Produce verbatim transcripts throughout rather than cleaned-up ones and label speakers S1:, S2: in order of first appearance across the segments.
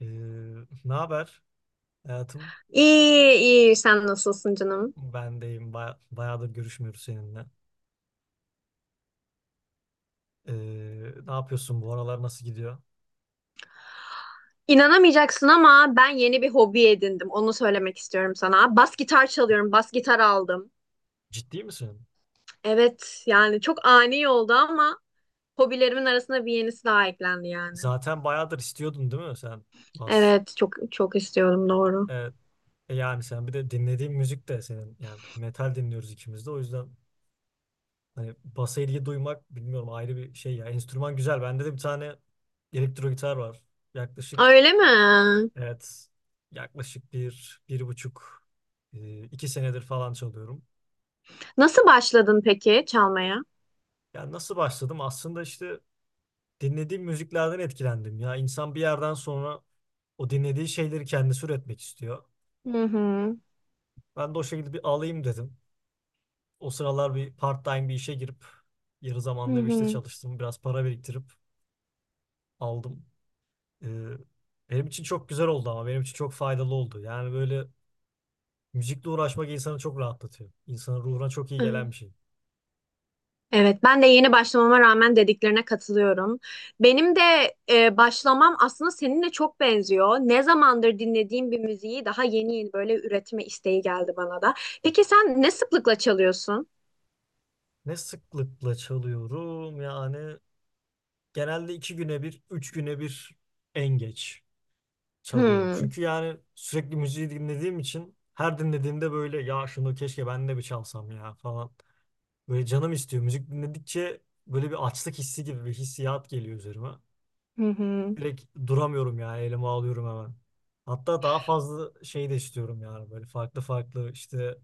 S1: Ee, ne haber hayatım?
S2: İyi, iyi. Sen nasılsın canım?
S1: Ben deyim. Baya- bayağıdır görüşmüyoruz seninle. Ee, ne yapıyorsun bu aralar, nasıl gidiyor?
S2: İnanamayacaksın ama ben yeni bir hobi edindim. Onu söylemek istiyorum sana. Bas gitar çalıyorum. Bas gitar aldım.
S1: Ciddi misin?
S2: Evet, yani çok ani oldu ama hobilerimin arasında bir yenisi daha eklendi yani.
S1: Zaten bayağıdır istiyordun değil mi sen? Bas.
S2: Evet, çok çok istiyorum doğru.
S1: Evet. E yani sen bir de dinlediğin müzik de senin. Yani metal dinliyoruz ikimiz de. O yüzden hani basa ilgi duymak bilmiyorum, ayrı bir şey ya. Enstrüman güzel. Bende de bir tane elektro gitar var. Yaklaşık,
S2: Öyle mi?
S1: evet, yaklaşık bir, bir buçuk, e, iki senedir falan çalıyorum.
S2: Nasıl başladın peki çalmaya?
S1: Yani nasıl başladım? Aslında işte dinlediğim müziklerden etkilendim. Ya insan bir yerden sonra o dinlediği şeyleri kendisi üretmek istiyor.
S2: Hı hı.
S1: Ben de o şekilde bir alayım dedim. O sıralar bir part-time bir işe girip yarı zamanlı bir işte
S2: Hı
S1: çalıştım. Biraz para biriktirip aldım. Ee, benim için çok güzel oldu, ama benim için çok faydalı oldu. Yani böyle müzikle uğraşmak insanı çok rahatlatıyor. İnsanın ruhuna çok iyi gelen
S2: hı.
S1: bir şey.
S2: Evet, ben de yeni başlamama rağmen dediklerine katılıyorum. Benim de e, başlamam aslında seninle çok benziyor. Ne zamandır dinlediğim bir müziği daha yeni yeni böyle üretme isteği geldi bana da. Peki sen ne sıklıkla çalıyorsun?
S1: Ne sıklıkla çalıyorum yani, genelde iki güne bir, üç güne bir en geç çalıyorum.
S2: Hmm.
S1: Çünkü yani sürekli müziği dinlediğim için, her dinlediğimde böyle ya şunu keşke ben de bir çalsam ya falan. Böyle canım istiyor. Müzik dinledikçe böyle bir açlık hissi gibi bir hissiyat geliyor üzerime.
S2: Hı hı.
S1: Direkt duramıyorum, yani elime alıyorum hemen. Hatta daha fazla şey de istiyorum, yani böyle farklı farklı işte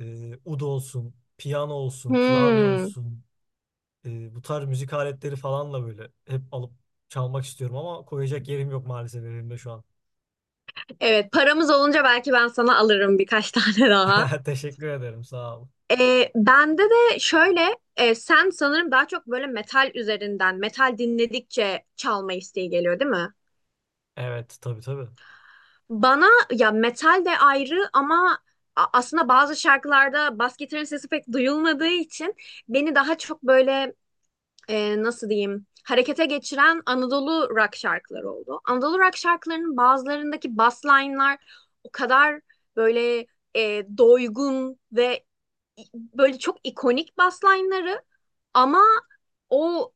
S1: e, ud olsun, piyano olsun, klavye
S2: Hmm.
S1: olsun, e, bu tarz müzik aletleri falanla böyle hep alıp çalmak istiyorum, ama koyacak yerim yok maalesef elimde şu an.
S2: Evet, paramız olunca belki ben sana alırım birkaç tane daha.
S1: Teşekkür ederim, sağ ol.
S2: E, bende de şöyle e, sen sanırım daha çok böyle metal üzerinden, metal dinledikçe çalma isteği geliyor, değil mi?
S1: Evet, tabii tabii.
S2: Bana ya metal de ayrı ama a- aslında bazı şarkılarda bas gitarın sesi pek duyulmadığı için beni daha çok böyle e, nasıl diyeyim harekete geçiren Anadolu rock şarkıları oldu. Anadolu rock şarkılarının bazılarındaki bass line'lar o kadar böyle e, doygun ve i- böyle çok ikonik bass line'ları ama o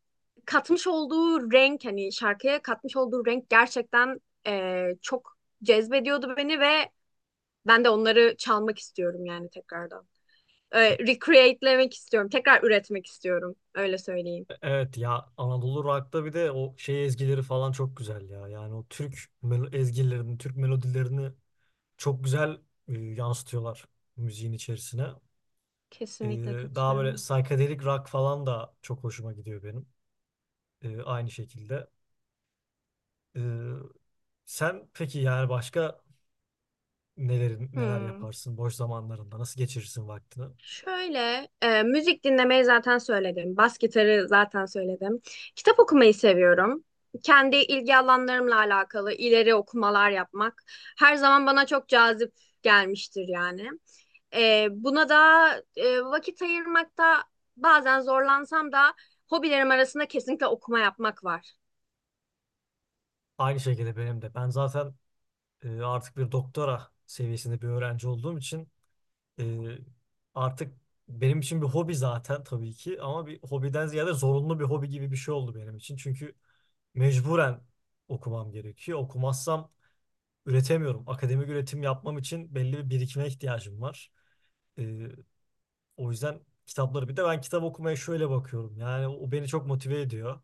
S2: katmış olduğu renk hani şarkıya katmış olduğu renk gerçekten eee, çok cezbediyordu beni ve ben de onları çalmak istiyorum yani tekrardan. Eee recreate'lemek istiyorum. Tekrar üretmek istiyorum. Öyle söyleyeyim.
S1: E- Evet ya, Anadolu Rock'ta bir de o şey ezgileri falan çok güzel ya. Yani o Türk melo- ezgilerini, Türk melodilerini çok güzel e, yansıtıyorlar müziğin içerisine. E,
S2: Kesinlikle
S1: daha böyle
S2: katılıyorum.
S1: psychedelic rock falan da çok hoşuma gidiyor benim. E, aynı şekilde. E, sen peki yani, başka neler neler
S2: Hmm.
S1: yaparsın boş zamanlarında? Nasıl geçirirsin vaktini?
S2: Şöyle, e, müzik dinlemeyi zaten söyledim. Bas gitarı zaten söyledim. Kitap okumayı seviyorum. Kendi ilgi alanlarımla alakalı ileri okumalar yapmak her zaman bana çok cazip gelmiştir yani. E, buna da e, vakit ayırmakta bazen zorlansam da hobilerim arasında kesinlikle okuma yapmak var.
S1: Aynı şekilde benim de. Ben zaten e, artık bir doktora seviyesinde bir öğrenci olduğum için Ee, artık benim için bir hobi zaten tabii ki, ama bir hobiden ziyade zorunlu bir hobi gibi bir şey oldu benim için. Çünkü mecburen okumam gerekiyor. Okumazsam üretemiyorum. Akademik üretim yapmam için belli bir birikime ihtiyacım var. Ee, o yüzden kitapları, bir de ben kitap okumaya şöyle bakıyorum. Yani o beni çok motive ediyor.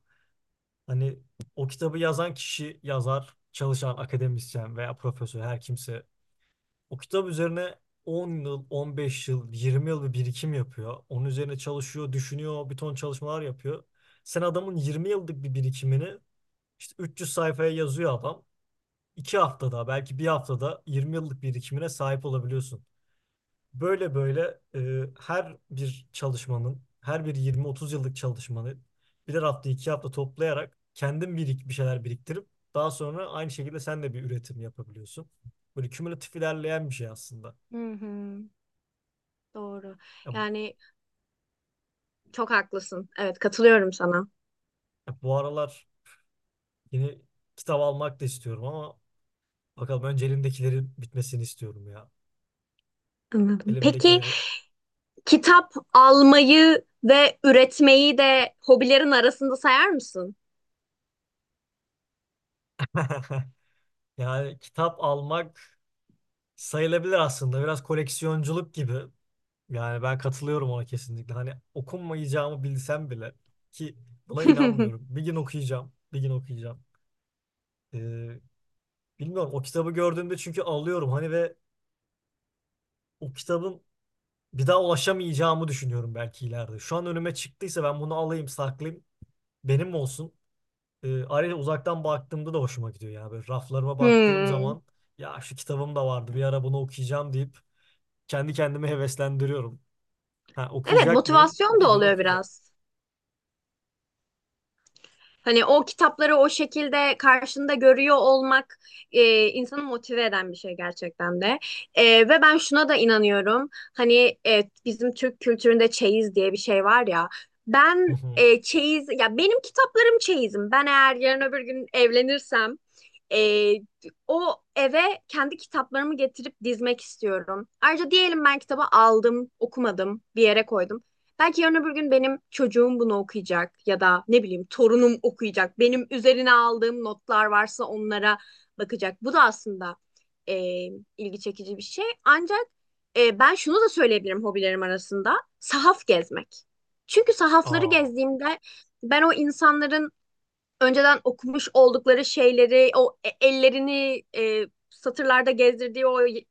S1: Hani o kitabı yazan kişi, yazar, çalışan akademisyen veya profesör her kimse, o kitap üzerine on yıl, on beş yıl, yirmi yıl bir birikim yapıyor. Onun üzerine çalışıyor, düşünüyor, bir ton çalışmalar yapıyor. Sen adamın yirmi yıllık bir birikimini işte üç yüz sayfaya yazıyor adam. iki haftada, belki bir haftada yirmi yıllık birikimine sahip olabiliyorsun. Böyle böyle e, her bir çalışmanın, her bir yirmi otuz yıllık çalışmanı birer hafta, iki hafta toplayarak kendin birik, bir şeyler biriktirip daha sonra aynı şekilde sen de bir üretim yapabiliyorsun. Böyle kümülatif ilerleyen bir şey aslında.
S2: Hı hı, doğru.
S1: Ya,
S2: Yani çok haklısın. Evet, katılıyorum sana.
S1: bu aralar yeni kitap almak da istiyorum, ama bakalım, önce elimdekilerin bitmesini istiyorum ya.
S2: Anladım. Peki,
S1: Elimdekileri.
S2: kitap almayı ve üretmeyi de hobilerin arasında sayar mısın?
S1: Yani kitap almak sayılabilir aslında. Biraz koleksiyonculuk gibi. Yani ben katılıyorum ona kesinlikle. Hani okunmayacağımı bilsem bile, ki buna inanmıyorum. Bir gün okuyacağım. Bir gün okuyacağım. Ee, bilmiyorum o kitabı gördüğümde, çünkü alıyorum hani ve o kitabın bir daha ulaşamayacağımı düşünüyorum belki ileride. Şu an önüme çıktıysa ben bunu alayım, saklayayım, benim olsun. E, ayrıca uzaktan baktığımda da hoşuma gidiyor. Yani böyle raflarıma baktığım
S2: Hmm.
S1: zaman ya şu kitabım da vardı bir ara, bunu okuyacağım deyip kendi kendime heveslendiriyorum. Ha,
S2: Evet,
S1: okuyacak mıyım?
S2: motivasyon
S1: Bir
S2: da
S1: gün
S2: oluyor
S1: okuyacağım.
S2: biraz. Hani o kitapları o şekilde karşında görüyor olmak e, insanı motive eden bir şey gerçekten de. E, ve ben şuna da inanıyorum. Hani e, bizim Türk kültüründe çeyiz diye bir şey var ya.
S1: Hı
S2: Ben
S1: hı.
S2: e, çeyiz, ya benim kitaplarım çeyizim. Ben eğer yarın öbür gün evlenirsem e, o eve kendi kitaplarımı getirip dizmek istiyorum. Ayrıca diyelim ben kitabı aldım, okumadım, bir yere koydum. Belki yarın öbür gün benim çocuğum bunu okuyacak ya da ne bileyim torunum okuyacak. Benim üzerine aldığım notlar varsa onlara bakacak. Bu da aslında e, ilgi çekici bir şey. Ancak e, ben şunu da söyleyebilirim hobilerim arasında. Sahaf gezmek. Çünkü sahafları
S1: Aa.
S2: gezdiğimde ben o insanların önceden okumuş oldukları şeyleri, o e- ellerini e, satırlarda gezdirdiği o y-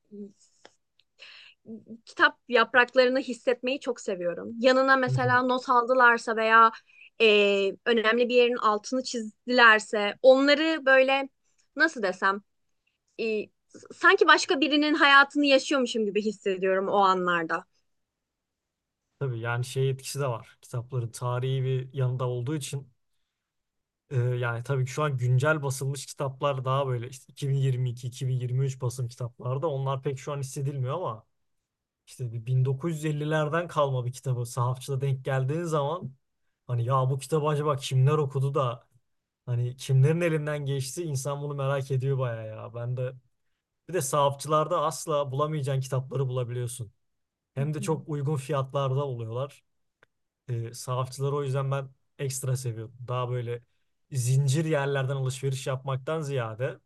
S2: kitap yapraklarını hissetmeyi çok seviyorum. Yanına
S1: Hı hı.
S2: mesela not aldılarsa veya e, önemli bir yerin altını çizdilerse onları böyle nasıl desem, e, sanki başka birinin hayatını yaşıyormuşum gibi hissediyorum o anlarda.
S1: Tabii yani şey etkisi de var. Kitapların tarihi bir yanında olduğu için e, yani tabii ki şu an güncel basılmış kitaplar, daha böyle işte iki bin yirmi iki, iki bin yirmi üç basım kitaplarda, onlar pek şu an hissedilmiyor, ama İşte bir bin dokuz yüz ellilerden kalma bir kitabı sahafçıda denk geldiğin zaman, hani ya bu kitabı acaba kimler okudu da, hani kimlerin elinden geçti, insan bunu merak ediyor bayağı ya. Ben de bir de, sahafçılarda asla bulamayacağın kitapları bulabiliyorsun.
S2: Hı
S1: Hem de
S2: hı.
S1: çok uygun fiyatlarda oluyorlar. Ee, sahafçıları o yüzden ben ekstra seviyorum. Daha böyle zincir yerlerden alışveriş yapmaktan ziyade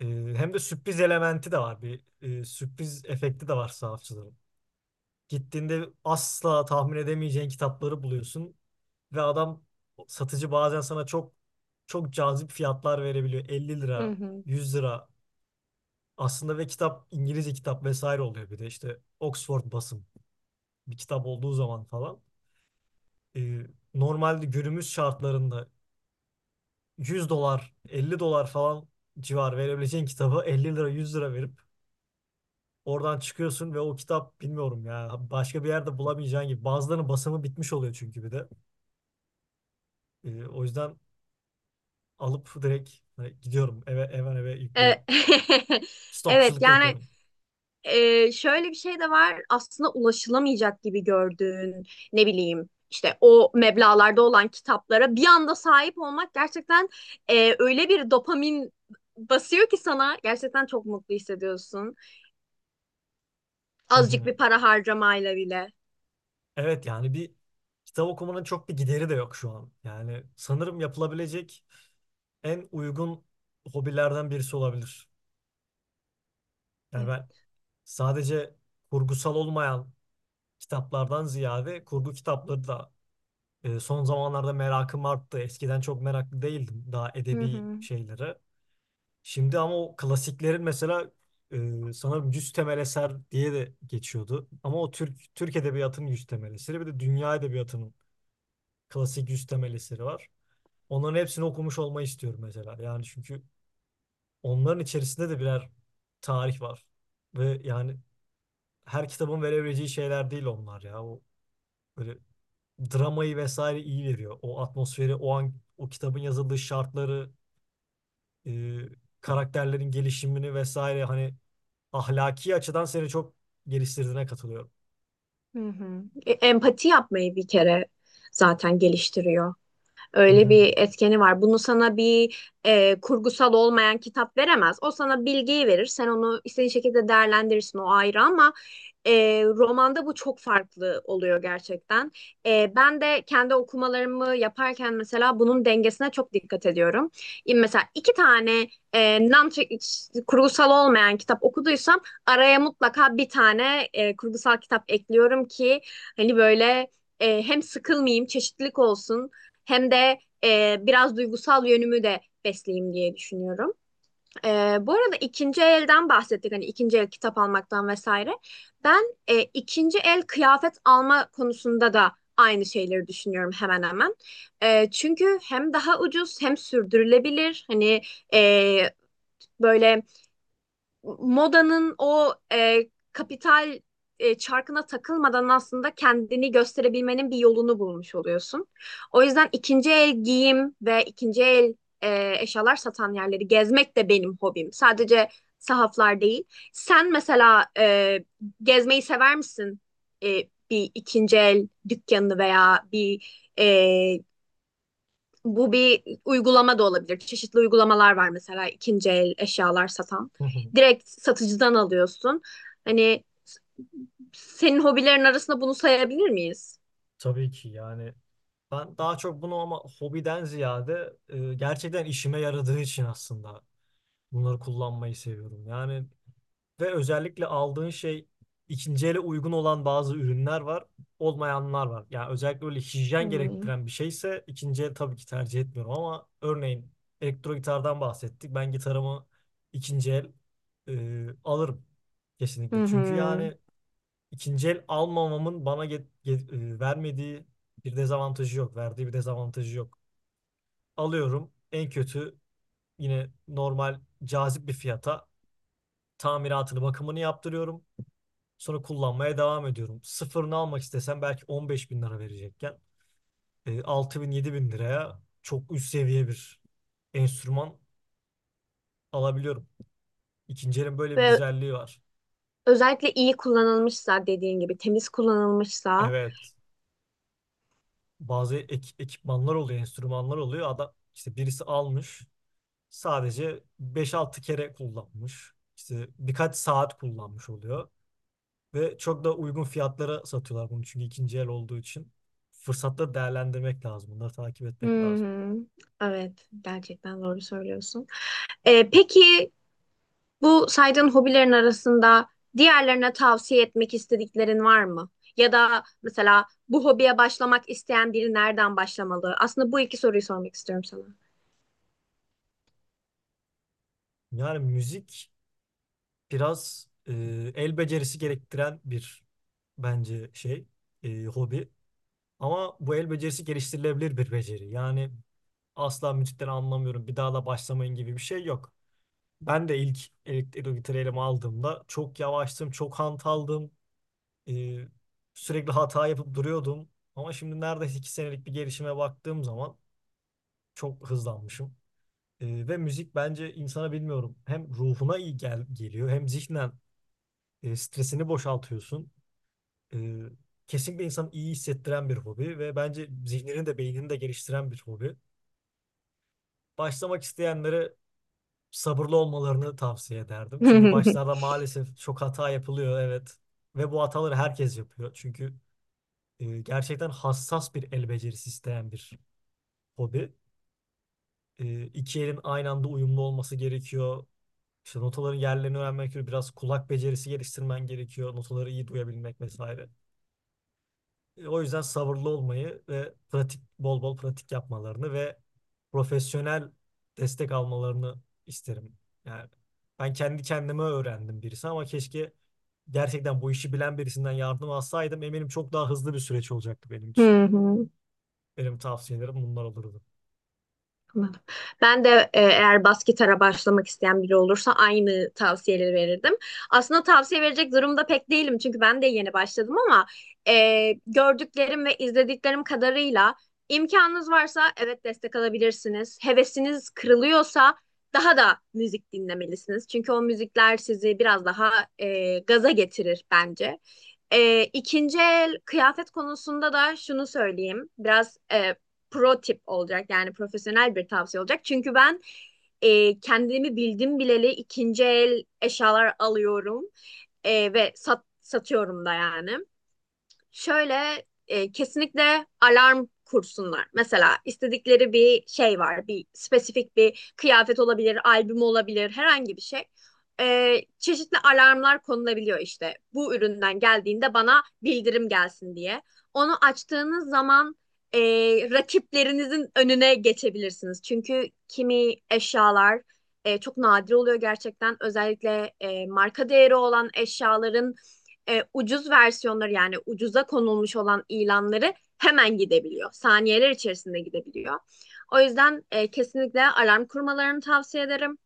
S1: e, hem de sürpriz elementi de var. Bir e, sürpriz efekti de var sahafçıların. Gittiğinde asla tahmin edemeyeceğin kitapları buluyorsun ve adam, satıcı bazen sana çok çok cazip fiyatlar verebiliyor. elli
S2: Hı
S1: lira,
S2: hı.
S1: yüz lira aslında, ve kitap İngilizce kitap vesaire oluyor, bir de işte Oxford basım bir kitap olduğu zaman falan. Ee, normalde günümüz şartlarında yüz dolar, elli dolar falan civar verebileceğin kitabı elli lira, yüz lira verip oradan çıkıyorsun, ve o kitap bilmiyorum ya, başka bir yerde bulamayacağın gibi. Bazılarının basımı bitmiş oluyor çünkü bir de. Ee, o yüzden alıp direkt hani gidiyorum eve eve eve
S2: E,
S1: yüklüyorum.
S2: Evet,
S1: Stokçuluk
S2: yani
S1: yapıyorum.
S2: Ee, şöyle bir şey de var aslında. Ulaşılamayacak gibi gördüğün ne bileyim işte o meblağlarda olan kitaplara bir anda sahip olmak gerçekten e, öyle bir dopamin basıyor ki sana, gerçekten çok mutlu hissediyorsun.
S1: Hı
S2: Azıcık
S1: hı.
S2: bir para harcamayla bile.
S1: Evet yani, bir kitap okumanın çok bir gideri de yok şu an. Yani sanırım yapılabilecek en uygun hobilerden birisi olabilir. Yani ben
S2: Evet.
S1: sadece kurgusal olmayan kitaplardan ziyade kurgu kitapları da e, son zamanlarda merakım arttı. Eskiden çok meraklı değildim daha
S2: Hı
S1: edebi
S2: hı.
S1: şeylere. Şimdi ama o klasiklerin mesela e, sanırım yüz temel eser diye de geçiyordu. Ama o Türk Türk edebiyatının yüz temel eseri, bir de dünya edebiyatının klasik yüz temel eseri var. Onların hepsini okumuş olmayı istiyorum mesela. Yani çünkü onların içerisinde de birer tarih var. Ve yani, her kitabın verebileceği şeyler değil onlar ya. O böyle dramayı vesaire iyi veriyor. O atmosferi, o an o kitabın yazıldığı şartları, e, karakterlerin gelişimini vesaire, hani ahlaki açıdan seni çok geliştirdiğine katılıyorum.
S2: Hı hı. E, empati yapmayı bir kere zaten geliştiriyor.
S1: Hı
S2: Öyle
S1: hı,
S2: bir etkeni var. Bunu sana bir e, kurgusal olmayan kitap veremez. O sana bilgiyi verir. Sen onu istediğin şekilde değerlendirirsin o ayrı ama e, romanda bu çok farklı oluyor gerçekten. E, ben de kendi okumalarımı yaparken mesela bunun dengesine çok dikkat ediyorum. E, mesela iki tane e, non kurgusal olmayan kitap okuduysam araya mutlaka bir tane e, kurgusal kitap ekliyorum ki hani böyle e, hem sıkılmayayım, çeşitlilik olsun hem de e, biraz duygusal yönümü de besleyeyim diye düşünüyorum. Ee, bu arada ikinci elden bahsettik, hani ikinci el kitap almaktan vesaire. Ben e, ikinci el kıyafet alma konusunda da aynı şeyleri düşünüyorum hemen hemen. Ee, çünkü hem daha ucuz hem sürdürülebilir. Hani e, böyle modanın o e, kapital e, çarkına takılmadan aslında kendini gösterebilmenin bir yolunu bulmuş oluyorsun. O yüzden ikinci el giyim ve ikinci el e, eşyalar satan yerleri gezmek de benim hobim. Sadece sahaflar değil. Sen mesela e, gezmeyi sever misin? E, Bir ikinci el dükkanını veya bir e, bu bir uygulama da olabilir. Çeşitli uygulamalar var mesela ikinci el eşyalar satan.
S1: hı hı.
S2: Direkt satıcıdan alıyorsun. Hani senin hobilerin arasında bunu sayabilir miyiz?
S1: Tabii ki yani, ben daha çok bunu ama hobiden ziyade e, gerçekten işime yaradığı için aslında bunları kullanmayı seviyorum. Yani, ve özellikle aldığın şey ikinci ele uygun olan bazı ürünler var, olmayanlar var. Yani özellikle öyle hijyen
S2: Hmm.
S1: gerektiren bir şeyse ikinci el tabii ki tercih etmiyorum, ama örneğin elektro gitardan bahsettik. Ben gitarımı ikinci el e, alırım kesinlikle.
S2: Hı hı.
S1: Çünkü yani, İkinci el almamamın bana get- get- e, vermediği bir dezavantajı yok. Verdiği bir dezavantajı yok. Alıyorum, en kötü yine normal cazip bir fiyata tamiratını bakımını yaptırıyorum. Sonra kullanmaya devam ediyorum. Sıfırını almak istesem belki on beş bin lira verecekken, e, altı bin yedi bin liraya çok üst seviye bir enstrüman alabiliyorum. İkinci elin böyle bir
S2: Ve
S1: güzelliği var.
S2: özellikle iyi kullanılmışsa, dediğin gibi temiz kullanılmışsa.
S1: Evet, bazı ek- ekipmanlar oluyor, enstrümanlar oluyor. Adam işte, birisi almış sadece beş altı kere kullanmış. İşte birkaç saat kullanmış oluyor. Ve çok da uygun fiyatlara satıyorlar bunu, çünkü ikinci el olduğu için. Fırsatları değerlendirmek lazım. Bunları takip
S2: Hı
S1: etmek lazım.
S2: hı. Evet, gerçekten doğru söylüyorsun. Ee, peki bu saydığın hobilerin arasında diğerlerine tavsiye etmek istediklerin var mı? Ya da mesela bu hobiye başlamak isteyen biri nereden başlamalı? Aslında bu iki soruyu sormak istiyorum
S1: Yani müzik biraz e, el becerisi gerektiren bir bence şey, e, hobi. Ama bu el becerisi geliştirilebilir bir beceri. Yani asla müzikten anlamıyorum, bir daha da başlamayın gibi bir şey yok. Ben de ilk elektrik gitarı elime aldığımda çok yavaştım, çok hantaldım. Ee, sürekli hata yapıp duruyordum. Ama şimdi neredeyse iki senelik bir gelişime baktığım zaman çok hızlanmışım. Ee, ve müzik bence insana bilmiyorum, hem ruhuna iyi gel geliyor, hem zihnen e, stresini boşaltıyorsun. Ee, kesinlikle insanı iyi hissettiren bir hobi, ve bence zihnini de beynini de geliştiren bir hobi. Başlamak isteyenlere sabırlı olmalarını tavsiye ederdim. Çünkü
S2: sana.
S1: başlarda maalesef çok hata yapılıyor, evet. Ve bu hataları herkes yapıyor. Çünkü E, gerçekten hassas bir el becerisi isteyen bir hobi. E, iki elin aynı anda uyumlu olması gerekiyor. İşte notaların yerlerini öğrenmek gerekiyor. Biraz kulak becerisi geliştirmen gerekiyor. Notaları iyi duyabilmek vesaire. E, o yüzden sabırlı olmayı ve pratik, bol bol pratik yapmalarını ve profesyonel destek almalarını isterim. Yani ben kendi kendime öğrendim birisi, ama keşke gerçekten bu işi bilen birisinden yardım alsaydım, eminim çok daha hızlı bir süreç olacaktı benim için. Benim tavsiyelerim bunlar olurdu.
S2: Anladım. Ben de e, eğer bas gitara başlamak isteyen biri olursa aynı tavsiyeleri verirdim. Aslında tavsiye verecek durumda pek değilim çünkü ben de yeni başladım ama e, gördüklerim ve izlediklerim kadarıyla imkanınız varsa evet destek alabilirsiniz. Hevesiniz kırılıyorsa daha da müzik dinlemelisiniz. Çünkü o müzikler sizi biraz daha e, gaza getirir bence. E, ikinci el kıyafet konusunda da şunu söyleyeyim. Biraz e, pro tip olacak yani profesyonel bir tavsiye olacak. Çünkü ben e, kendimi bildim bileli ikinci el eşyalar alıyorum. E, ve sat, satıyorum da yani. Şöyle, e, kesinlikle alarm kursunlar. Mesela istedikleri bir şey var, bir spesifik bir kıyafet olabilir, albüm olabilir, herhangi bir şey. E, çeşitli alarmlar konulabiliyor işte. Bu üründen geldiğinde bana bildirim gelsin diye. Onu açtığınız zaman e, rakiplerinizin önüne geçebilirsiniz. Çünkü kimi eşyalar e, çok nadir oluyor gerçekten. Özellikle e, marka değeri olan eşyaların e, ucuz versiyonları yani ucuza konulmuş olan ilanları hemen gidebiliyor. Saniyeler içerisinde gidebiliyor. O yüzden e, kesinlikle alarm kurmalarını tavsiye ederim.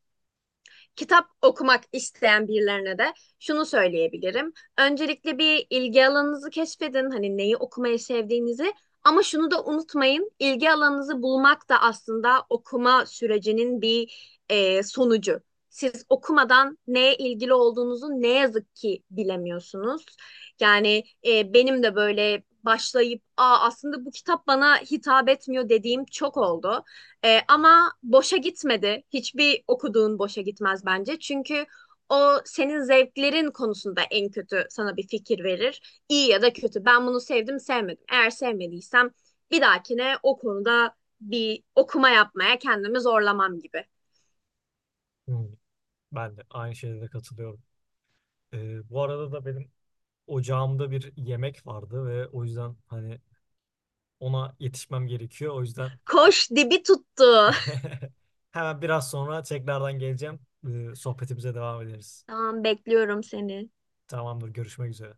S2: Kitap okumak isteyen birilerine de şunu söyleyebilirim. Öncelikle bir ilgi alanınızı keşfedin. Hani neyi okumayı sevdiğinizi. Ama şunu da unutmayın. İlgi alanınızı bulmak da aslında okuma sürecinin bir e, sonucu. Siz okumadan neye ilgili olduğunuzu ne yazık ki bilemiyorsunuz. Yani e, benim de böyle başlayıp "Aa, aslında bu kitap bana hitap etmiyor" dediğim çok oldu. Ee, ama boşa gitmedi. Hiçbir okuduğun boşa gitmez bence. Çünkü o senin zevklerin konusunda en kötü sana bir fikir verir. İyi ya da kötü. Ben bunu sevdim, sevmedim. Eğer sevmediysem bir dahakine o konuda bir okuma yapmaya kendimi zorlamam gibi.
S1: Hmm, Ben de aynı şeylere katılıyorum. Ee, bu arada da benim ocağımda bir yemek vardı ve o yüzden hani ona yetişmem gerekiyor. O yüzden
S2: Koş, dibi tuttu.
S1: hemen biraz sonra tekrardan geleceğim. Ee, sohbetimize devam ederiz.
S2: Tamam, bekliyorum seni.
S1: Tamamdır, görüşmek üzere.